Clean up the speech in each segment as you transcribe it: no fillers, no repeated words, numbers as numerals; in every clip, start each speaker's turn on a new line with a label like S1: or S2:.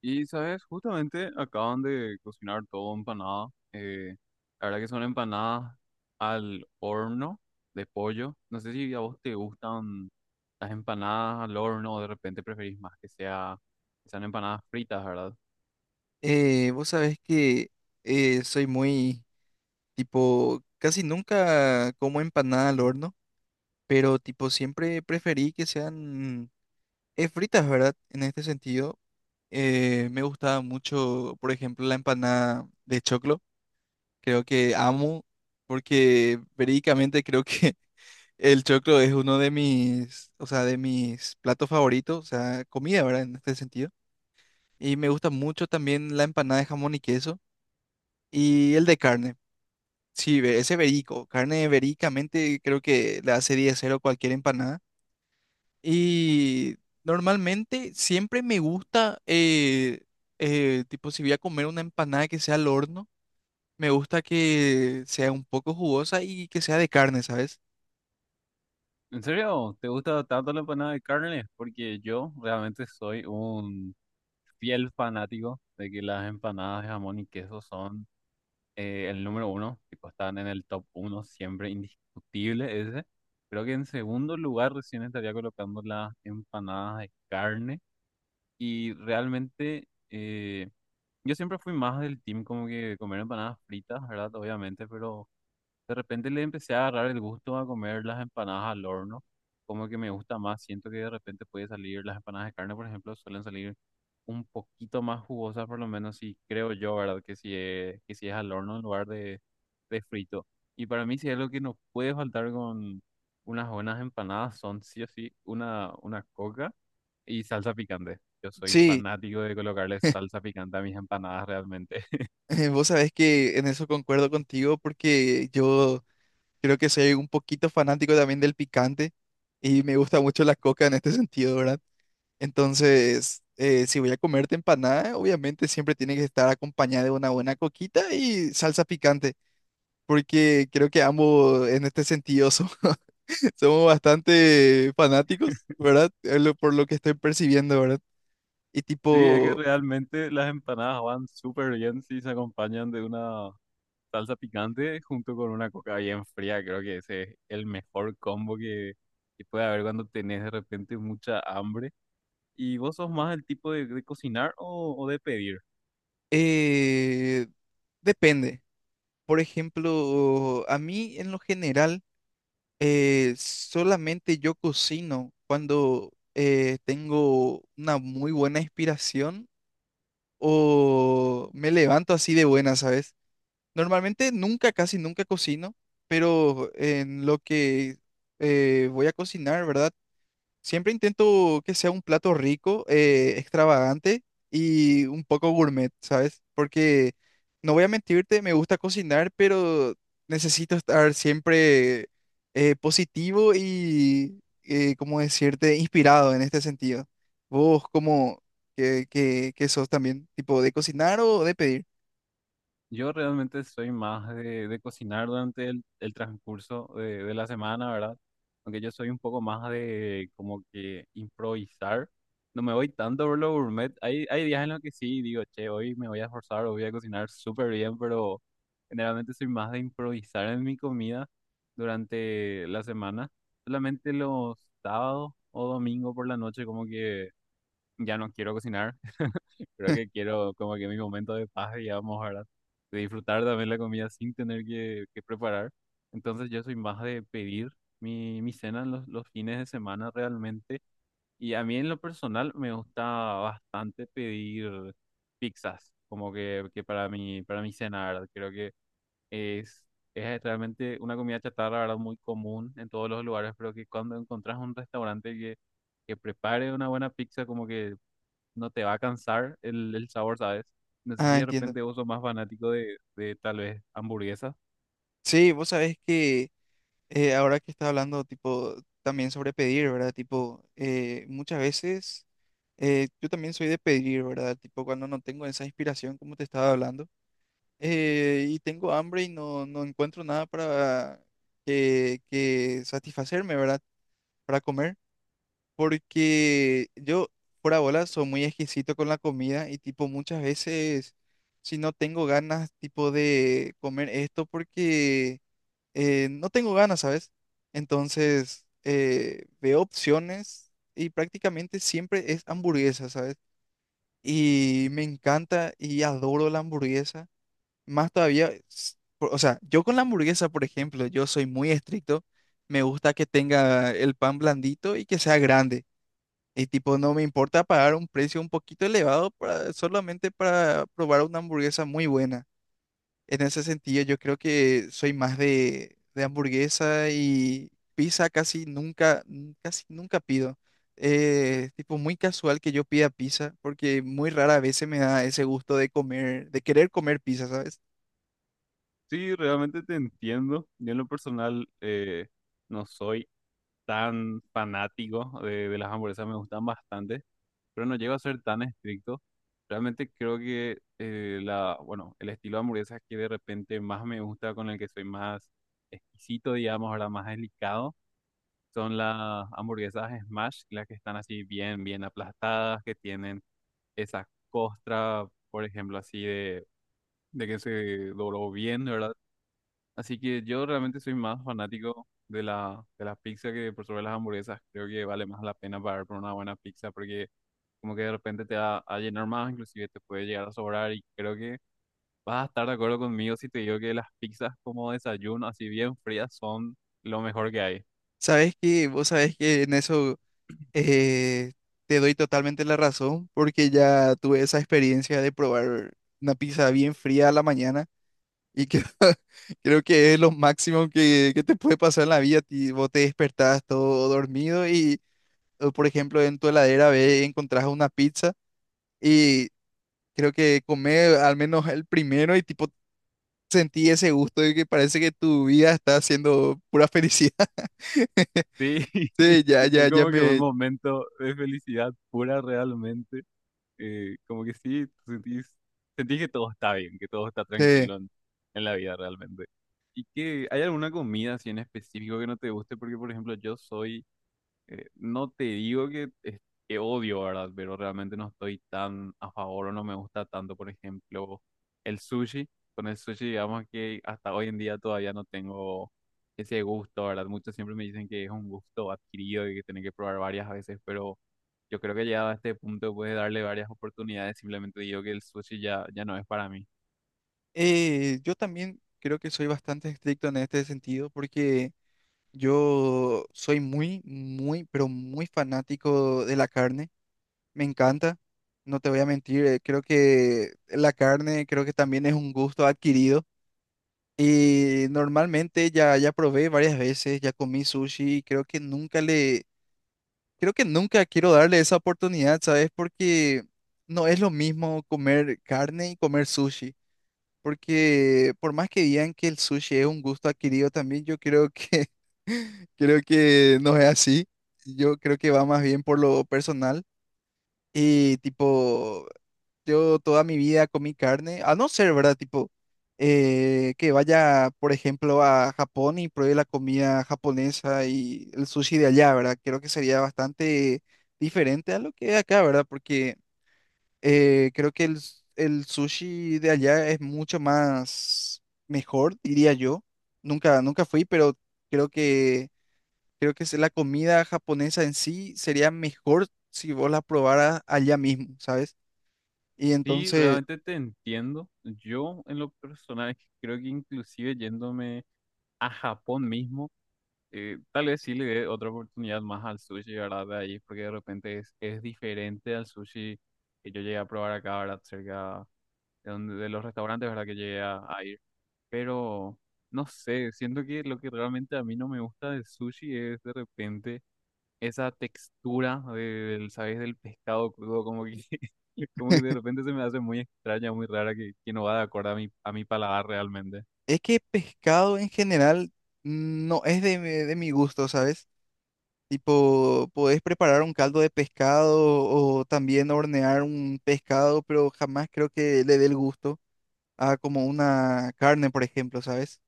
S1: Y sabes, justamente acaban de cocinar todo empanada. eh, la verdad que son empanadas al horno de pollo. No sé si a vos te gustan las empanadas al horno o de repente preferís más que sea, que sean empanadas fritas, ¿verdad?
S2: Vos sabés que soy tipo, casi nunca como empanada al horno, pero tipo siempre preferí que sean fritas, ¿verdad? En este sentido, me gustaba mucho, por ejemplo, la empanada de choclo. Creo que amo, porque verídicamente creo que el choclo es uno de mis, o sea, de mis platos favoritos, o sea, comida, ¿verdad? En este sentido. Y me gusta mucho también la empanada de jamón y queso y el de carne. Sí, ese verico, carne vericamente creo que le hace 10-0 cualquier empanada. Y normalmente siempre me gusta, tipo, si voy a comer una empanada que sea al horno, me gusta que sea un poco jugosa y que sea de carne, ¿sabes?
S1: ¿En serio? ¿Te gusta tanto la empanada de carne? Porque yo realmente soy un fiel fanático de que las empanadas de jamón y queso son el número uno, tipo, están en el top uno, siempre indiscutible ese. Creo que en segundo lugar recién estaría colocando las empanadas de carne. Y realmente yo siempre fui más del team como que comer empanadas fritas, ¿verdad? Obviamente, pero de repente le empecé a agarrar el gusto a comer las empanadas al horno, como que me gusta más, siento que de repente puede salir, las empanadas de carne, por ejemplo, suelen salir un poquito más jugosas, por lo menos si creo yo, ¿verdad? Que si es al horno en lugar de frito. Y para mí si es algo que no puede faltar con unas buenas empanadas, son sí o sí una coca y salsa picante. Yo soy
S2: Sí,
S1: fanático de colocarle salsa picante a mis empanadas realmente.
S2: vos sabés que en eso concuerdo contigo porque yo creo que soy un poquito fanático también del picante y me gusta mucho la coca en este sentido, ¿verdad? Entonces, si voy a comerte empanada, obviamente siempre tiene que estar acompañada de una buena coquita y salsa picante, porque creo que ambos en este sentido somos bastante fanáticos, ¿verdad? Por lo que estoy percibiendo, ¿verdad? Y
S1: Sí, es que
S2: tipo,
S1: realmente las empanadas van súper bien si se acompañan de una salsa picante junto con una coca bien fría. Creo que ese es el mejor combo que puede haber cuando tenés de repente mucha hambre. ¿Y vos sos más el tipo de cocinar o de pedir?
S2: eh, depende. Por ejemplo, a mí en lo general, solamente yo cocino cuando tengo una muy buena inspiración o me levanto así de buena, ¿sabes? Normalmente nunca, casi nunca cocino, pero en lo que voy a cocinar, ¿verdad? Siempre intento que sea un plato rico, extravagante y un poco gourmet, ¿sabes? Porque no voy a mentirte, me gusta cocinar, pero necesito estar siempre positivo y, ¿cómo decirte?, inspirado en este sentido. ¿Vos cómo que sos también? ¿Tipo de cocinar o de pedir?
S1: Yo realmente soy más de cocinar durante el transcurso de la semana, ¿verdad? Aunque yo soy un poco más de como que improvisar. No me voy tanto por lo gourmet. Hay días en los que sí, digo, che, hoy me voy a esforzar, hoy voy a cocinar súper bien, pero generalmente soy más de improvisar en mi comida durante la semana. Solamente los sábados o domingo por la noche como que ya no quiero cocinar. Creo que quiero como que mi momento de paz, digamos, ¿verdad? De disfrutar también la comida sin tener que preparar. Entonces yo soy más de pedir mi, mi cena los fines de semana realmente. Y a mí en lo personal me gusta bastante pedir pizzas, como que para mi cena, ¿verdad? Creo que es, es realmente una comida chatarra, ¿verdad? Muy común en todos los lugares, pero que cuando encontrás un restaurante que prepare una buena pizza, como que no te va a cansar el sabor, ¿sabes? No sé si
S2: Ah,
S1: de
S2: entiendo.
S1: repente vos sos más fanático de tal vez hamburguesas.
S2: Sí, vos sabés que... Ahora que está hablando, tipo, también sobre pedir, ¿verdad? Tipo, muchas veces yo también soy de pedir, ¿verdad? Tipo, cuando no tengo esa inspiración, como te estaba hablando, y tengo hambre y no encuentro nada para que satisfacerme, ¿verdad? Para comer, porque yo, por bola, soy muy exquisito con la comida y, tipo, muchas veces, si no tengo ganas, tipo, de comer esto, porque no tengo ganas, ¿sabes? Entonces, veo opciones y prácticamente siempre es hamburguesa, ¿sabes? Y me encanta y adoro la hamburguesa. Más todavía, o sea, yo con la hamburguesa, por ejemplo, yo soy muy estricto. Me gusta que tenga el pan blandito y que sea grande. Y tipo, no me importa pagar un precio un poquito elevado solamente para probar una hamburguesa muy buena. En ese sentido, yo creo que soy más de hamburguesa y pizza casi nunca, n- casi nunca pido. Tipo muy casual que yo pida pizza, porque muy rara vez se me da ese gusto de comer, de querer comer pizza, ¿sabes?
S1: Sí, realmente te entiendo. Yo en lo personal no soy tan fanático de las hamburguesas, me gustan bastante, pero no llego a ser tan estricto. Realmente creo que la, bueno, el estilo de hamburguesas que de repente más me gusta, con el que soy más exquisito, digamos, ahora más delicado, son las hamburguesas Smash, las que están así bien, bien aplastadas, que tienen esa costra, por ejemplo, así de que se dobló bien, ¿verdad? Así que yo realmente soy más fanático de la, de las pizzas que por sobre las hamburguesas. Creo que vale más la pena pagar por una buena pizza porque como que de repente te va a llenar más, inclusive te puede llegar a sobrar y creo que vas a estar de acuerdo conmigo si te digo que las pizzas como desayuno, así bien frías, son lo mejor que hay.
S2: Sabes que, vos sabes que en eso eh, te doy totalmente la razón, porque ya tuve esa experiencia de probar una pizza bien fría a la mañana. Y creo, creo que es lo máximo que te puede pasar en la vida. Vos te despertás todo dormido y, o, por ejemplo, en tu heladera ves encontrás una pizza y creo que comer al menos el primero y tipo sentí ese gusto de que parece que tu vida está siendo pura felicidad.
S1: Sí,
S2: Sí, ya, ya,
S1: es
S2: ya
S1: como que un
S2: me...
S1: momento de felicidad pura realmente como que sí, tú sentís, sentís que todo está bien, que todo está
S2: sí.
S1: tranquilo en la vida realmente. ¿Y que hay alguna comida así en específico que no te guste? Porque, por ejemplo, yo soy, no te digo que, que odio, ¿verdad? Pero realmente no estoy tan a favor o no me gusta tanto, por ejemplo, el sushi. Con el sushi, digamos que hasta hoy en día todavía no tengo ese gusto, ¿verdad? Muchos siempre me dicen que es un gusto adquirido y que tienen que probar varias veces, pero... Yo creo que llegado a este punto puedes darle varias oportunidades. Simplemente digo que el sushi ya no es para mí.
S2: Yo también creo que soy bastante estricto en este sentido porque yo soy muy, muy, pero muy fanático de la carne. Me encanta, no te voy a mentir, creo que la carne creo que también es un gusto adquirido y normalmente ya probé varias veces, ya comí sushi y creo que nunca le creo que nunca quiero darle esa oportunidad, ¿sabes? Porque no es lo mismo comer carne y comer sushi, porque por más que digan que el sushi es un gusto adquirido también, yo creo que creo que no es así. Yo creo que va más bien por lo personal. Y tipo, yo toda mi vida comí carne, a no ser, ¿verdad? Tipo, que vaya, por ejemplo, a Japón y pruebe la comida japonesa y el sushi de allá, ¿verdad? Creo que sería bastante diferente a lo que es acá, ¿verdad? Porque creo que el, el sushi de allá es mucho más mejor, diría yo. Nunca, nunca fui, pero creo creo que es la comida japonesa en sí sería mejor si vos la probaras allá mismo, ¿sabes? Y
S1: Sí,
S2: entonces...
S1: realmente te entiendo. Yo en lo personal creo que inclusive yéndome a Japón mismo, tal vez sí le dé otra oportunidad más al sushi, ¿verdad? De ahí, porque de repente es diferente al sushi que yo llegué a probar acá, ¿verdad? Cerca de, donde, de los restaurantes, ¿verdad? Que llegué a ir. Pero no sé, siento que lo que realmente a mí no me gusta del sushi es de repente esa textura del, ¿sabes? Del pescado crudo, como que, como que de repente se me hace muy extraña, muy rara, que no va de acuerdo a mi paladar realmente.
S2: Es que pescado en general no es mi de mi gusto, ¿sabes? Tipo, podés preparar un caldo de pescado o también hornear un pescado, pero jamás creo que le dé el gusto a como una carne, por ejemplo, ¿sabes?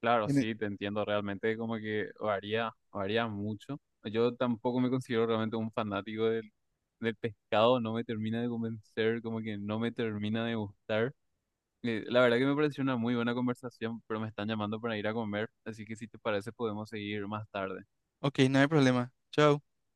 S1: Claro,
S2: En e-
S1: sí, te entiendo, realmente como que varía, varía mucho. Yo tampoco me considero realmente un fanático del, del pescado, no me termina de convencer, como que no me termina de gustar. La verdad que me pareció una muy buena conversación, pero me están llamando para ir a comer, así que si te parece podemos seguir más tarde.
S2: Ok, no hay problema. Chao.